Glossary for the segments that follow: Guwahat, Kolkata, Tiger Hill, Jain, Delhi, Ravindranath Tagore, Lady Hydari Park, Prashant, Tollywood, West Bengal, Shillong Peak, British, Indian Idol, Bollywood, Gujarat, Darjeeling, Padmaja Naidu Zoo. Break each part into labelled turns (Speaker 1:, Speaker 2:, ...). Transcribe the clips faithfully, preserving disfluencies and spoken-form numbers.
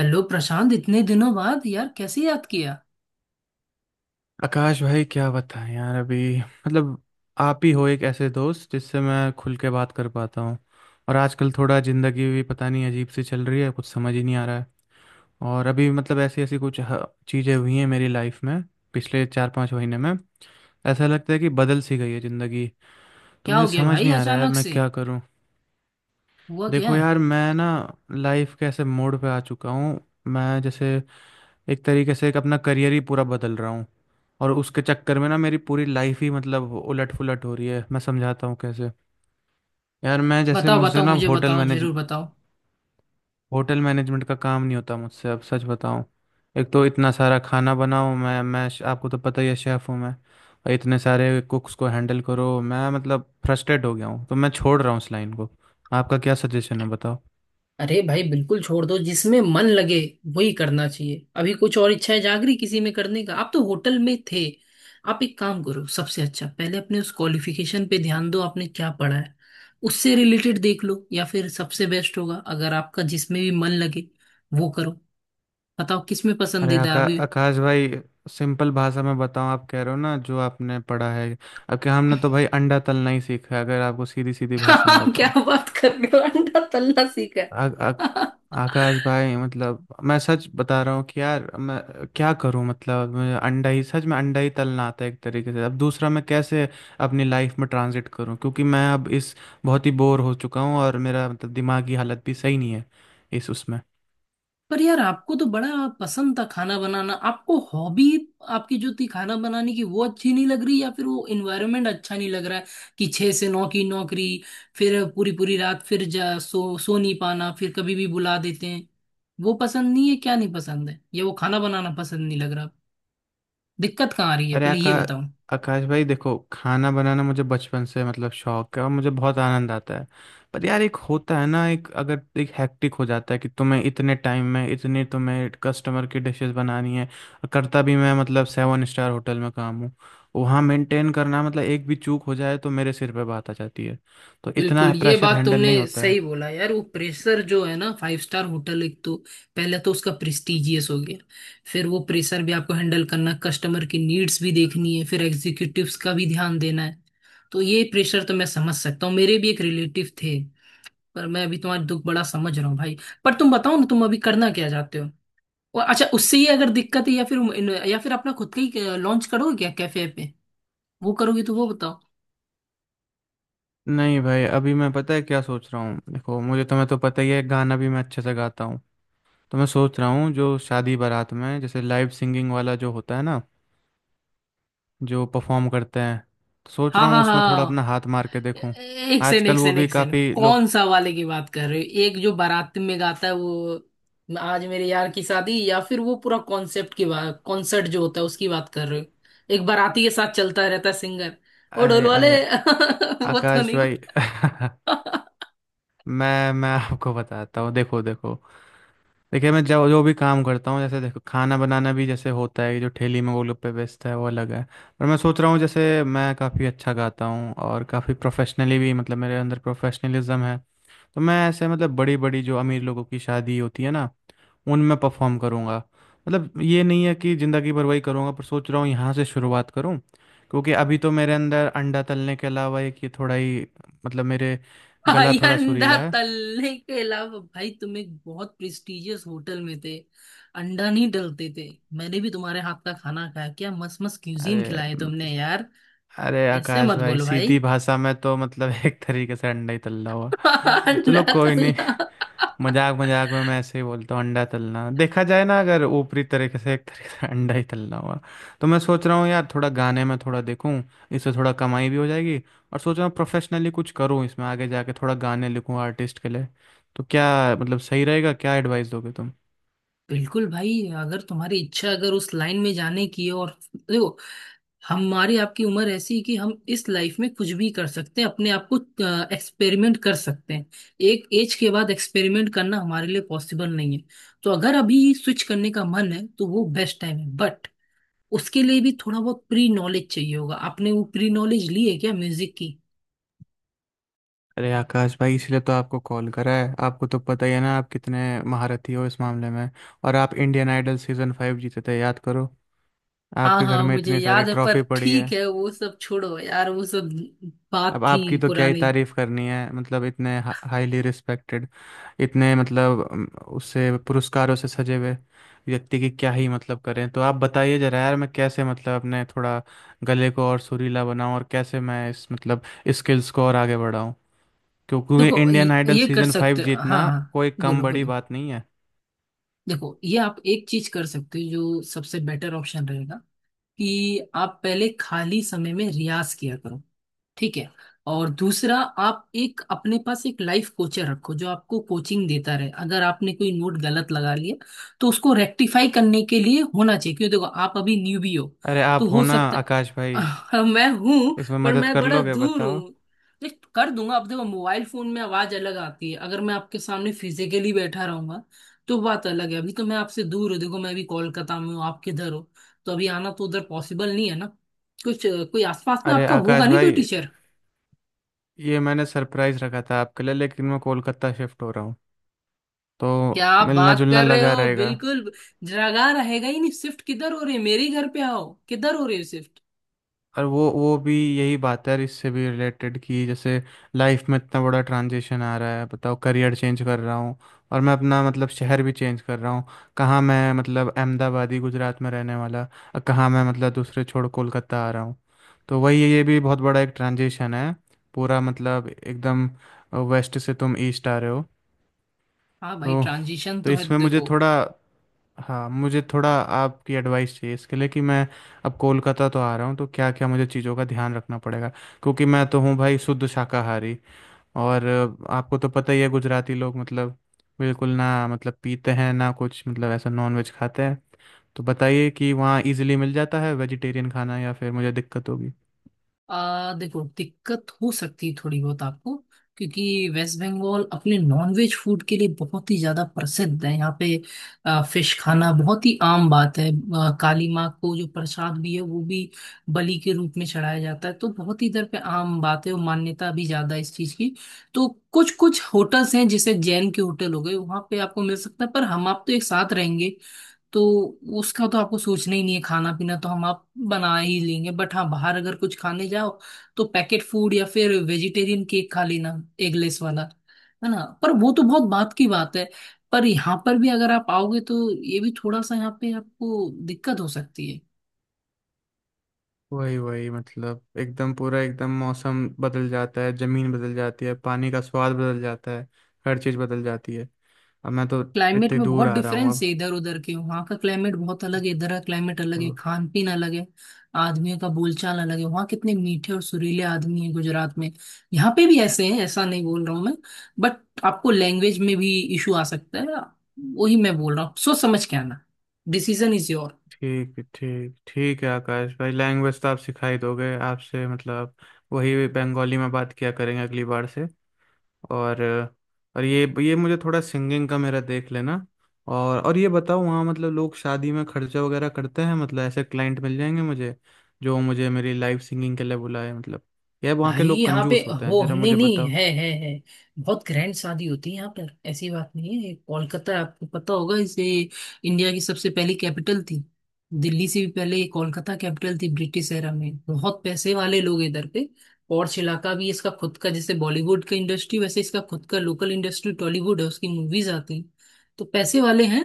Speaker 1: Hello Prashant, इतने दिनों बाद यार, कैसे याद किया?
Speaker 2: आकाश भाई क्या बताएं यार, अभी मतलब आप ही हो एक ऐसे दोस्त जिससे मैं खुल के बात कर पाता हूँ। और आजकल थोड़ा ज़िंदगी भी पता नहीं अजीब सी चल रही है, कुछ समझ ही नहीं आ रहा है। और अभी मतलब ऐसी ऐसी कुछ चीज़ें हुई हैं मेरी लाइफ में पिछले चार पाँच महीने में, ऐसा लगता है कि बदल सी गई है ज़िंदगी। तो
Speaker 1: क्या
Speaker 2: मुझे
Speaker 1: हो गया
Speaker 2: समझ
Speaker 1: भाई,
Speaker 2: नहीं आ रहा है यार,
Speaker 1: अचानक
Speaker 2: मैं
Speaker 1: से?
Speaker 2: क्या करूँ।
Speaker 1: हुआ क्या?
Speaker 2: देखो यार, मैं ना लाइफ के ऐसे मोड़ पे आ चुका हूँ, मैं जैसे एक तरीके से एक अपना करियर ही पूरा बदल रहा हूँ। और उसके चक्कर में ना मेरी पूरी लाइफ ही मतलब उलट पुलट हो रही है, मैं समझाता हूँ कैसे। यार मैं जैसे
Speaker 1: बताओ,
Speaker 2: मुझसे
Speaker 1: बताओ,
Speaker 2: ना
Speaker 1: मुझे
Speaker 2: होटल
Speaker 1: बताओ,
Speaker 2: मैनेज,
Speaker 1: जरूर बताओ।
Speaker 2: होटल मैनेजमेंट का काम नहीं होता मुझसे, अब सच बताऊँ। एक तो इतना सारा खाना बनाओ, मैं मैं आपको तो पता ही है, शेफ़ हूँ मैं। और इतने सारे कुक्स को हैंडल करो, मैं मतलब फ्रस्ट्रेट हो गया हूँ, तो मैं छोड़ रहा हूँ इस लाइन को। आपका क्या सजेशन है, बताओ।
Speaker 1: अरे भाई, बिल्कुल छोड़ दो, जिसमें मन लगे वही करना चाहिए। अभी कुछ और इच्छाएं जाग रही किसी में करने का, आप तो होटल में थे। आप एक काम करो, सबसे अच्छा, पहले अपने उस क्वालिफिकेशन पे ध्यान दो, आपने क्या पढ़ा है। उससे रिलेटेड देख लो, या फिर सबसे बेस्ट होगा अगर आपका जिसमें भी मन लगे वो करो। बताओ, किसमें
Speaker 2: अरे
Speaker 1: पसंदीदा है
Speaker 2: आका,
Speaker 1: अभी?
Speaker 2: आकाश भाई, सिंपल भाषा में बताऊं, आप कह रहे हो ना जो आपने पढ़ा है। अब क्या, हमने तो भाई अंडा तलना ही सीखा है, अगर आपको सीधी सीधी भाषा में
Speaker 1: हाँ, क्या
Speaker 2: बताऊं।
Speaker 1: बात कर
Speaker 2: तो
Speaker 1: रहे हो, अंडा तलना सीखा
Speaker 2: आ, आ,
Speaker 1: है।
Speaker 2: आकाश भाई, मतलब मैं सच बता रहा हूँ कि यार मैं क्या करूं, मतलब मुझे अंडा ही, सच में अंडा ही तलना आता है एक तरीके से। अब दूसरा मैं कैसे अपनी लाइफ में ट्रांजिट करूं, क्योंकि मैं अब इस बहुत ही बोर हो चुका हूं, और मेरा मतलब दिमागी हालत भी सही नहीं है इस उसमें।
Speaker 1: पर यार, आपको तो बड़ा पसंद था खाना बनाना, आपको हॉबी। आपकी जो थी खाना बनाने की वो अच्छी नहीं लग रही, या फिर वो एनवायरनमेंट अच्छा नहीं लग रहा है, कि छह से नौ की नौकरी, फिर पूरी पूरी रात, फिर जा सो सो नहीं पाना, फिर कभी भी बुला देते हैं। वो पसंद नहीं है, क्या नहीं पसंद है, या वो खाना बनाना पसंद नहीं लग रहा? दिक्कत कहाँ आ रही है,
Speaker 2: अरे
Speaker 1: पहले
Speaker 2: आका
Speaker 1: ये बताओ?
Speaker 2: आकाश भाई, देखो खाना बनाना मुझे बचपन से मतलब शौक है, और मुझे बहुत आनंद आता है। पर यार एक होता है ना, एक अगर एक हैक्टिक हो जाता है कि तुम्हें इतने टाइम में इतने तुम्हें कस्टमर की डिशेस बनानी है। और करता भी मैं मतलब सेवन स्टार होटल में काम हूँ, वहाँ मेंटेन करना मतलब एक भी चूक हो जाए तो मेरे सिर पे बात आ जाती है। तो इतना
Speaker 1: बिल्कुल, ये
Speaker 2: प्रेशर
Speaker 1: बात
Speaker 2: हैंडल
Speaker 1: तुमने
Speaker 2: नहीं होता
Speaker 1: सही
Speaker 2: है।
Speaker 1: बोला यार, वो प्रेशर जो है ना, फाइव स्टार होटल, एक तो पहले तो उसका प्रेस्टिजियस हो गया। फिर वो प्रेशर भी आपको हैंडल करना, कस्टमर की नीड्स भी देखनी है, फिर एग्जीक्यूटिव्स का भी ध्यान देना है। तो ये प्रेशर तो मैं समझ सकता हूँ, मेरे भी एक रिलेटिव थे। पर मैं अभी तुम्हारा दुख बड़ा समझ रहा हूँ भाई। पर तुम बताओ ना, तुम अभी करना क्या चाहते हो? और अच्छा, उससे ही अगर दिक्कत है, या फिर या फिर अपना खुद का ही लॉन्च करोगे क्या, कैफे पे? वो करोगे तो वो बताओ।
Speaker 2: नहीं भाई, अभी मैं पता है क्या सोच रहा हूँ, देखो मुझे, तुम्हें तो पता ही है गाना भी मैं अच्छे से गाता हूँ। तो मैं सोच रहा हूँ जो शादी बारात में जैसे लाइव सिंगिंग वाला जो होता है ना, जो परफॉर्म करते हैं, तो सोच
Speaker 1: हाँ,
Speaker 2: रहा हूँ
Speaker 1: हाँ,
Speaker 2: उसमें
Speaker 1: हाँ,
Speaker 2: थोड़ा अपना
Speaker 1: हाँ।
Speaker 2: हाथ मार के देखूँ।
Speaker 1: एक सेकंड, एक
Speaker 2: आजकल वो
Speaker 1: सेकंड,
Speaker 2: भी
Speaker 1: एक सेकंड,
Speaker 2: काफ़ी लोग।
Speaker 1: कौन सा वाले की बात कर रहे हो, एक जो बारात में गाता है वो? आज मेरे यार की शादी, या फिर वो पूरा कॉन्सेप्ट की बात, कॉन्सर्ट जो होता है उसकी बात कर रहे हो? एक बाराती के साथ चलता रहता है सिंगर। वो ढोल
Speaker 2: अरे
Speaker 1: वाले
Speaker 2: अरे
Speaker 1: वो तो
Speaker 2: आकाश
Speaker 1: नहीं
Speaker 2: भाई
Speaker 1: बोला।
Speaker 2: मैं मैं आपको बताता हूँ, देखो देखो। देखिए मैं जो जो भी काम करता हूँ, जैसे देखो खाना बनाना भी जैसे होता है जो ठेली में वो लोग पे बेचता है वो अलग है। पर मैं सोच रहा हूँ जैसे मैं काफ़ी अच्छा गाता हूँ, और काफ़ी प्रोफेशनली भी, मतलब मेरे अंदर प्रोफेशनलिज्म है। तो मैं ऐसे मतलब बड़ी बड़ी जो अमीर लोगों की शादी होती है ना, उनमें परफॉर्म करूँगा। मतलब ये नहीं है कि ज़िंदगी भर वही करूँगा, पर सोच रहा हूँ यहाँ से शुरुआत करूँ। क्योंकि अभी तो मेरे अंदर अंडा तलने के अलावा एक ये थोड़ा ही, मतलब मेरे गला
Speaker 1: भाई,
Speaker 2: थोड़ा
Speaker 1: अंडा
Speaker 2: सुरीला है।
Speaker 1: तलने के अलावा, भाई तुम एक बहुत प्रेस्टिजियस होटल में थे, अंडा नहीं डलते थे। मैंने भी तुम्हारे हाथ का खाना खाया, क्या मस्त मस्त क्यूजीन
Speaker 2: अरे
Speaker 1: खिलाए तुमने यार।
Speaker 2: अरे
Speaker 1: ऐसे
Speaker 2: आकाश
Speaker 1: मत
Speaker 2: भाई,
Speaker 1: बोलो भाई।
Speaker 2: सीधी भाषा में तो मतलब एक तरीके से अंडा ही तल्ला हुआ।
Speaker 1: अंडा
Speaker 2: चलो कोई,
Speaker 1: तलना।
Speaker 2: मजाक मजाक में मैं ऐसे ही बोलता हूँ, अंडा तलना देखा जाए ना अगर ऊपरी तरीके से, एक तरीके से अंडा ही तलना हुआ। तो मैं सोच रहा हूँ यार थोड़ा गाने में थोड़ा देखूँ, इससे थोड़ा कमाई भी हो जाएगी। और सोच रहा हूँ प्रोफेशनली कुछ करूँ, इसमें आगे जाके थोड़ा गाने लिखूँ आर्टिस्ट के लिए। तो क्या, मतलब सही रहेगा क्या, एडवाइस दोगे तुम।
Speaker 1: बिल्कुल भाई, अगर तुम्हारी इच्छा, अगर उस लाइन में जाने की है, और देखो, हमारी आपकी उम्र ऐसी है कि हम इस लाइफ में कुछ भी कर सकते हैं, अपने आप को एक्सपेरिमेंट कर सकते हैं। एक एज के बाद एक्सपेरिमेंट करना हमारे लिए पॉसिबल नहीं है। तो अगर अभी स्विच करने का मन है तो वो बेस्ट टाइम है, बट उसके लिए भी थोड़ा बहुत प्री नॉलेज चाहिए होगा, आपने वो प्री नॉलेज ली है क्या, म्यूजिक?
Speaker 2: अरे आकाश भाई, इसलिए तो आपको कॉल करा है। आपको तो पता ही है ना, आप कितने महारथी हो इस मामले में। और आप इंडियन आइडल सीजन फाइव जीते थे, याद करो,
Speaker 1: हाँ,
Speaker 2: आपके घर
Speaker 1: हाँ,
Speaker 2: में
Speaker 1: मुझे
Speaker 2: इतनी सारी
Speaker 1: याद है, पर
Speaker 2: ट्रॉफी पड़ी है।
Speaker 1: ठीक है वो सब छोड़ो यार, वो सब बात
Speaker 2: अब
Speaker 1: थी
Speaker 2: आपकी तो क्या ही
Speaker 1: पुरानी।
Speaker 2: तारीफ करनी है, मतलब इतने हाईली रिस्पेक्टेड, इतने मतलब अम, उससे पुरस्कारों से सजे हुए व्यक्ति की क्या ही मतलब करें। तो आप बताइए जरा यार, मैं कैसे मतलब अपने थोड़ा गले को और सुरीला बनाऊं, और कैसे मैं इस मतलब स्किल्स को और आगे बढ़ाऊं। क्यों- क्योंकि
Speaker 1: देखो, ये
Speaker 2: इंडियन आइडल
Speaker 1: ये कर
Speaker 2: सीजन फाइव
Speaker 1: सकते हो। हाँ,
Speaker 2: जीतना
Speaker 1: हाँ,
Speaker 2: कोई कम
Speaker 1: बोलो,
Speaker 2: बड़ी
Speaker 1: बोलो।
Speaker 2: बात नहीं है।
Speaker 1: देखो, ये आप एक चीज कर सकते हो जो सबसे बेटर ऑप्शन रहेगा, कि आप पहले खाली समय में रियाज किया करो, ठीक है। और दूसरा, आप एक अपने पास एक लाइफ कोचर रखो, जो आपको कोचिंग देता रहे, अगर आपने कोई नोट गलत लगा लिया तो उसको रेक्टिफाई करने के लिए होना चाहिए। क्यों, देखो आप अभी न्यूबी हो।
Speaker 2: अरे
Speaker 1: तो
Speaker 2: आप हो
Speaker 1: हो
Speaker 2: ना
Speaker 1: सकता।
Speaker 2: आकाश भाई,
Speaker 1: मैं हूं।
Speaker 2: इसमें
Speaker 1: पर
Speaker 2: मदद
Speaker 1: मैं
Speaker 2: कर
Speaker 1: बड़ा
Speaker 2: लोगे,
Speaker 1: दूर
Speaker 2: बताओ।
Speaker 1: हूं। देख, कर दूंगा। अब देखो, मोबाइल फोन में आवाज अलग आती है, अगर मैं आपके सामने फिजिकली बैठा रहूंगा तो बात अलग है, अभी तो मैं आपसे दूर हूँ, देखो मैं अभी कोलकाता में हूँ, आप किधर हो? तो अभी आना तो उधर पॉसिबल नहीं है ना। कुछ कोई आसपास में
Speaker 2: अरे
Speaker 1: आपका होगा
Speaker 2: आकाश
Speaker 1: नहीं, कोई
Speaker 2: भाई,
Speaker 1: टीचर?
Speaker 2: ये मैंने सरप्राइज रखा था आपके लिए, लेकिन मैं कोलकाता शिफ्ट हो रहा हूँ, तो
Speaker 1: क्या आप
Speaker 2: मिलना
Speaker 1: बात
Speaker 2: जुलना
Speaker 1: कर रहे
Speaker 2: लगा
Speaker 1: हो,
Speaker 2: रहेगा।
Speaker 1: बिल्कुल! जगह रहेगा ही नहीं, शिफ्ट किधर हो रही है, मेरे ही घर पे आओ, किधर हो रही है शिफ्ट?
Speaker 2: और वो वो भी यही बात है यार, इससे भी रिलेटेड, कि जैसे लाइफ में इतना बड़ा ट्रांजिशन आ रहा है, बताओ करियर चेंज कर रहा हूँ, और मैं अपना मतलब शहर भी चेंज कर रहा हूँ। कहाँ मैं मतलब अहमदाबादी, गुजरात में रहने वाला, और कहाँ मैं मतलब दूसरे छोड़ कोलकाता आ रहा हूँ। तो वही है, ये भी बहुत बड़ा एक ट्रांजिशन है, पूरा मतलब एकदम वेस्ट से तुम ईस्ट आ रहे हो।
Speaker 1: हाँ भाई,
Speaker 2: तो
Speaker 1: ट्रांजिशन
Speaker 2: तो
Speaker 1: तो है,
Speaker 2: इसमें मुझे
Speaker 1: देखो।
Speaker 2: थोड़ा, हाँ मुझे थोड़ा आपकी एडवाइस चाहिए इसके लिए कि मैं अब कोलकाता तो आ रहा हूँ, तो क्या क्या मुझे चीज़ों का ध्यान रखना पड़ेगा। क्योंकि मैं तो हूँ भाई शुद्ध शाकाहारी, और अ, आपको तो पता ही है गुजराती लोग मतलब बिल्कुल ना मतलब पीते हैं ना कुछ, मतलब ऐसा नॉन वेज खाते हैं। तो बताइए कि वहाँ इजीली मिल जाता है वेजिटेरियन खाना, या फिर मुझे दिक्कत होगी।
Speaker 1: आ, देखो, दिक्कत हो सकती है थोड़ी बहुत आपको। क्योंकि वेस्ट बंगाल अपने नॉनवेज फूड के लिए बहुत ही ज्यादा प्रसिद्ध है यहाँ पे। आ, फिश खाना बहुत ही आम बात है। आ, काली माँ को जो प्रसाद भी है वो भी बलि के रूप में चढ़ाया जाता है, तो बहुत ही इधर पे आम बात है, और मान्यता भी ज्यादा है इस चीज की। तो कुछ कुछ होटल्स हैं, जैसे जैन के होटल हो गए, वहां पे आपको मिल सकता है, पर हम आप तो एक साथ रहेंगे। तो उसका तो आपको सोचना ही नहीं है, खाना पीना तो हम आप बना ही लेंगे। बट हाँ, बाहर अगर कुछ खाने जाओ तो पैकेट फूड, या फिर वेजिटेरियन केक खा लेना, एगलेस वाला, है ना। पर वो तो बहुत बात की बात है। पर यहाँ पर भी अगर आप आओगे तो ये भी थोड़ा सा यहाँ पे आपको दिक्कत हो सकती है।
Speaker 2: वही वही मतलब एकदम पूरा, एकदम मौसम बदल जाता है, ज़मीन बदल जाती है, पानी का स्वाद बदल जाता है, हर चीज़ बदल जाती है। अब मैं तो
Speaker 1: क्लाइमेट
Speaker 2: इतनी
Speaker 1: में
Speaker 2: दूर
Speaker 1: बहुत
Speaker 2: आ रहा हूँ
Speaker 1: डिफरेंस है
Speaker 2: अब।
Speaker 1: इधर उधर के, वहाँ का क्लाइमेट बहुत अलग है, इधर का क्लाइमेट अलग है,
Speaker 2: ओ,
Speaker 1: खान पीन अलग है। आदमियों का बोलचाल अलग है, वहाँ कितने मीठे और सुरीले आदमी हैं गुजरात में, यहाँ पे भी ऐसे हैं, ऐसा नहीं बोल रहा हूँ मैं। बट आपको लैंग्वेज में भी इशू आ सकता है, वही मैं बोल रहा हूँ, सोच समझ के आना, डिसीजन इज योर।
Speaker 2: ठीक ठीक ठीक है आकाश भाई, लैंग्वेज तो आप सिखा ही दोगे, आपसे मतलब वही बंगाली में बात किया करेंगे अगली बार से। और और ये ये मुझे थोड़ा सिंगिंग का मेरा देख लेना। और और ये बताओ वहाँ मतलब लोग शादी में खर्चा वगैरह करते हैं, मतलब ऐसे क्लाइंट मिल जाएंगे मुझे जो मुझे मेरी लाइव सिंगिंग के लिए बुलाए। मतलब यह वहाँ के
Speaker 1: भाई
Speaker 2: लोग
Speaker 1: यहाँ पे
Speaker 2: कंजूस होते
Speaker 1: हो,
Speaker 2: हैं, जरा
Speaker 1: नहीं
Speaker 2: मुझे
Speaker 1: नहीं,
Speaker 2: बताओ।
Speaker 1: है, है, है, बहुत ग्रैंड शादी होती है यहाँ पर, ऐसी बात नहीं है। कोलकाता, आपको पता होगा, इसे इंडिया की सबसे पहली कैपिटल थी। दिल्ली से भी पहले ये कोलकाता कैपिटल थी, ब्रिटिश एरा में बहुत पैसे वाले लोग इधर पे। पॉर्च इलाका भी इसका खुद का, जैसे बॉलीवुड का इंडस्ट्री, वैसे इसका खुद का लोकल इंडस्ट्री टॉलीवुड है, उसकी मूवीज आती हैं, तो पैसे वाले हैं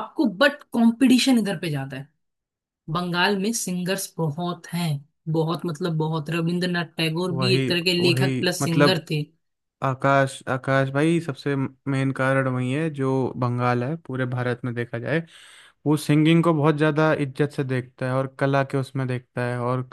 Speaker 1: आपको, बट कंपटीशन इधर पे ज्यादा है, बंगाल में सिंगर्स बहुत हैं, बहुत मतलब बहुत, रविंद्रनाथ टैगोर भी एक
Speaker 2: वही
Speaker 1: तरह के लेखक
Speaker 2: वही
Speaker 1: प्लस
Speaker 2: मतलब
Speaker 1: सिंगर थे।
Speaker 2: आकाश आकाश भाई, सबसे मेन कारण वही है जो बंगाल है, पूरे भारत में देखा जाए, वो सिंगिंग को बहुत ज़्यादा इज्जत से देखता है, और कला के उसमें देखता है। और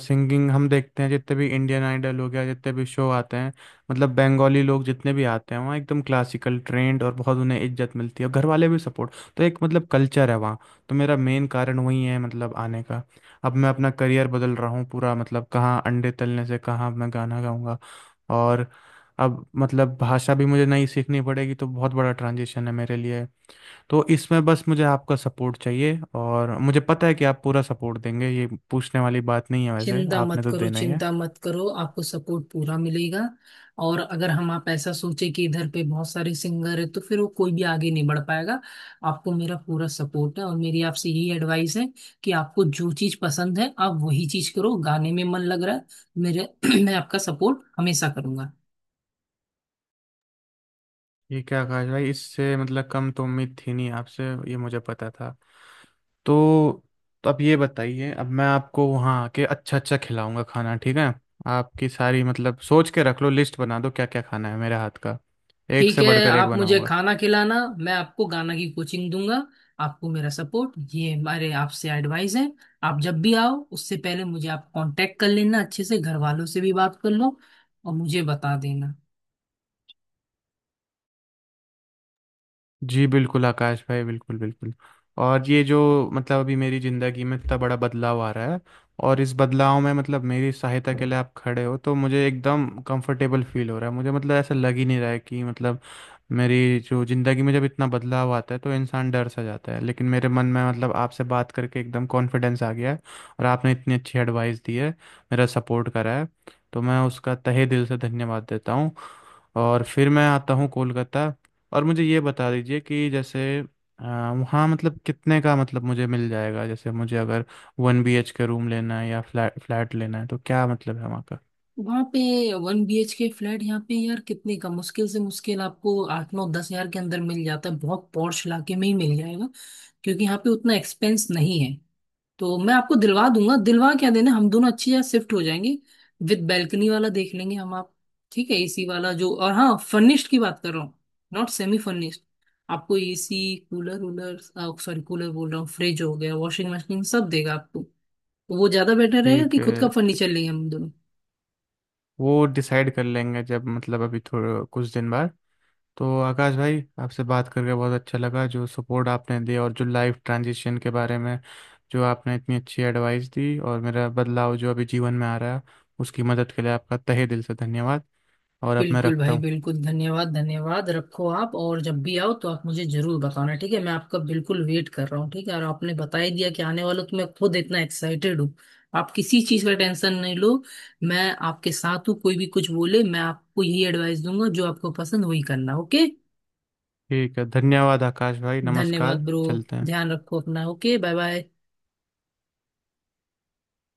Speaker 2: सिंगिंग हम देखते हैं जितने भी इंडियन आइडल हो गया, जितने भी शो आते हैं, मतलब बंगाली लोग जितने भी आते हैं वहाँ एकदम क्लासिकल ट्रेंड, और बहुत उन्हें इज्जत मिलती है, और घर वाले भी सपोर्ट। तो एक मतलब कल्चर है वहाँ, तो मेरा मेन कारण वही है मतलब आने का। अब मैं अपना करियर बदल रहा हूँ पूरा, मतलब कहाँ अंडे तलने से कहाँ मैं गाना गाऊंगा। और अब मतलब भाषा भी मुझे नई सीखनी पड़ेगी, तो बहुत बड़ा ट्रांजिशन है मेरे लिए। तो इसमें बस मुझे आपका सपोर्ट चाहिए, और मुझे पता है कि आप पूरा सपोर्ट देंगे, ये पूछने वाली बात नहीं है, वैसे
Speaker 1: चिंता
Speaker 2: आपने
Speaker 1: मत
Speaker 2: तो
Speaker 1: करो,
Speaker 2: देना ही है।
Speaker 1: चिंता मत करो, आपको सपोर्ट पूरा मिलेगा। और अगर हम आप ऐसा सोचे कि इधर पे बहुत सारे सिंगर है तो फिर वो कोई भी आगे नहीं बढ़ पाएगा। आपको मेरा पूरा सपोर्ट है, और मेरी आपसे यही एडवाइस है कि आपको जो चीज पसंद है आप वही चीज करो, गाने में मन लग रहा है मेरे। मैं आपका सपोर्ट हमेशा करूंगा।
Speaker 2: ये क्या आकाश भाई, इससे मतलब कम तो उम्मीद थी नहीं आपसे, ये मुझे पता था। तो, तो अब ये बताइए, अब मैं आपको वहाँ आके अच्छा अच्छा खिलाऊंगा खाना, ठीक है। आपकी सारी मतलब सोच के रख लो, लिस्ट बना दो क्या क्या खाना है मेरे हाथ का, एक
Speaker 1: ठीक
Speaker 2: से
Speaker 1: है,
Speaker 2: बढ़कर एक
Speaker 1: आप मुझे
Speaker 2: बनाऊंगा।
Speaker 1: खाना खिलाना, मैं आपको गाना की कोचिंग दूंगा। आपको मेरा सपोर्ट, ये हमारे आपसे एडवाइस है। आप जब भी आओ उससे पहले मुझे आप कांटेक्ट कर लेना, अच्छे से घर वालों से भी बात कर लो, और मुझे बता देना।
Speaker 2: जी बिल्कुल आकाश भाई, बिल्कुल बिल्कुल। और ये जो मतलब अभी मेरी ज़िंदगी में इतना बड़ा बदलाव आ रहा है, और इस बदलाव में मतलब मेरी सहायता के लिए आप खड़े हो, तो मुझे एकदम कंफर्टेबल फील हो रहा है। मुझे मतलब ऐसा लग ही नहीं रहा है कि मतलब मेरी जो ज़िंदगी में, जब इतना बदलाव आता है तो इंसान डर सा जाता है, लेकिन मेरे मन में मतलब आपसे बात करके एकदम कॉन्फिडेंस आ गया है। और आपने इतनी अच्छी एडवाइस दी है, मेरा सपोर्ट करा है, तो मैं उसका तहे दिल से धन्यवाद देता हूँ। और फिर मैं आता हूँ कोलकाता। और मुझे ये बता दीजिए कि जैसे अ, वहाँ मतलब कितने का मतलब मुझे मिल जाएगा, जैसे मुझे अगर one B H K room लेना है या फ्लैट फ्लैट लेना है, तो क्या मतलब है वहाँ का।
Speaker 1: वहाँ पे one B H K flat यहाँ पे यार कितने का, मुश्किल से मुश्किल आपको आठ नौ दस हजार के अंदर मिल जाता है, बहुत पॉश इलाके में ही मिल जाएगा, क्योंकि यहाँ पे उतना एक्सपेंस नहीं है। तो मैं आपको दिलवा दूंगा, दिलवा क्या देना, हम दोनों अच्छी जगह शिफ्ट हो जाएंगे। विद बैल्कनी वाला देख लेंगे हम आप, ठीक है, एसी वाला जो, और हाँ, फर्निश्ड की बात कर रहा हूँ, नॉट सेमी फर्निश्ड। आपको एसी कूलर वूलर, सॉरी, कूलर बोल रहा हूँ, फ्रिज हो गया, वॉशिंग मशीन, सब देगा आपको। तो वो ज्यादा बेटर रहेगा
Speaker 2: ठीक
Speaker 1: कि
Speaker 2: है
Speaker 1: खुद का
Speaker 2: ठीक,
Speaker 1: फर्नीचर लेंगे हम दोनों।
Speaker 2: वो डिसाइड कर लेंगे जब, मतलब अभी थोड़ा कुछ दिन बाद। तो आकाश भाई, आपसे बात करके बहुत अच्छा लगा, जो सपोर्ट आपने दिया और जो लाइफ ट्रांजिशन के बारे में जो आपने इतनी अच्छी एडवाइस दी, और मेरा बदलाव जो अभी जीवन में आ रहा है, उसकी मदद के लिए आपका तहे दिल से धन्यवाद। और अब मैं
Speaker 1: बिल्कुल
Speaker 2: रखता
Speaker 1: भाई,
Speaker 2: हूँ।
Speaker 1: बिल्कुल, धन्यवाद, धन्यवाद, रखो आप, और जब भी आओ तो आप मुझे जरूर बताना, ठीक है, मैं आपका बिल्कुल वेट कर रहा हूँ, ठीक है, और आपने बता ही दिया कि आने वाला, तो मैं खुद इतना एक्साइटेड हूँ। आप किसी चीज का टेंशन नहीं लो। मैं आपके साथ हूँ, कोई भी कुछ बोले, मैं आपको यही एडवाइस दूंगा, जो आपको पसंद वही करना, ओके।
Speaker 2: ठीक है, धन्यवाद आकाश भाई, नमस्कार,
Speaker 1: धन्यवाद ब्रो।
Speaker 2: चलते हैं।
Speaker 1: ध्यान रखो अपना, ओके, बाय बाय।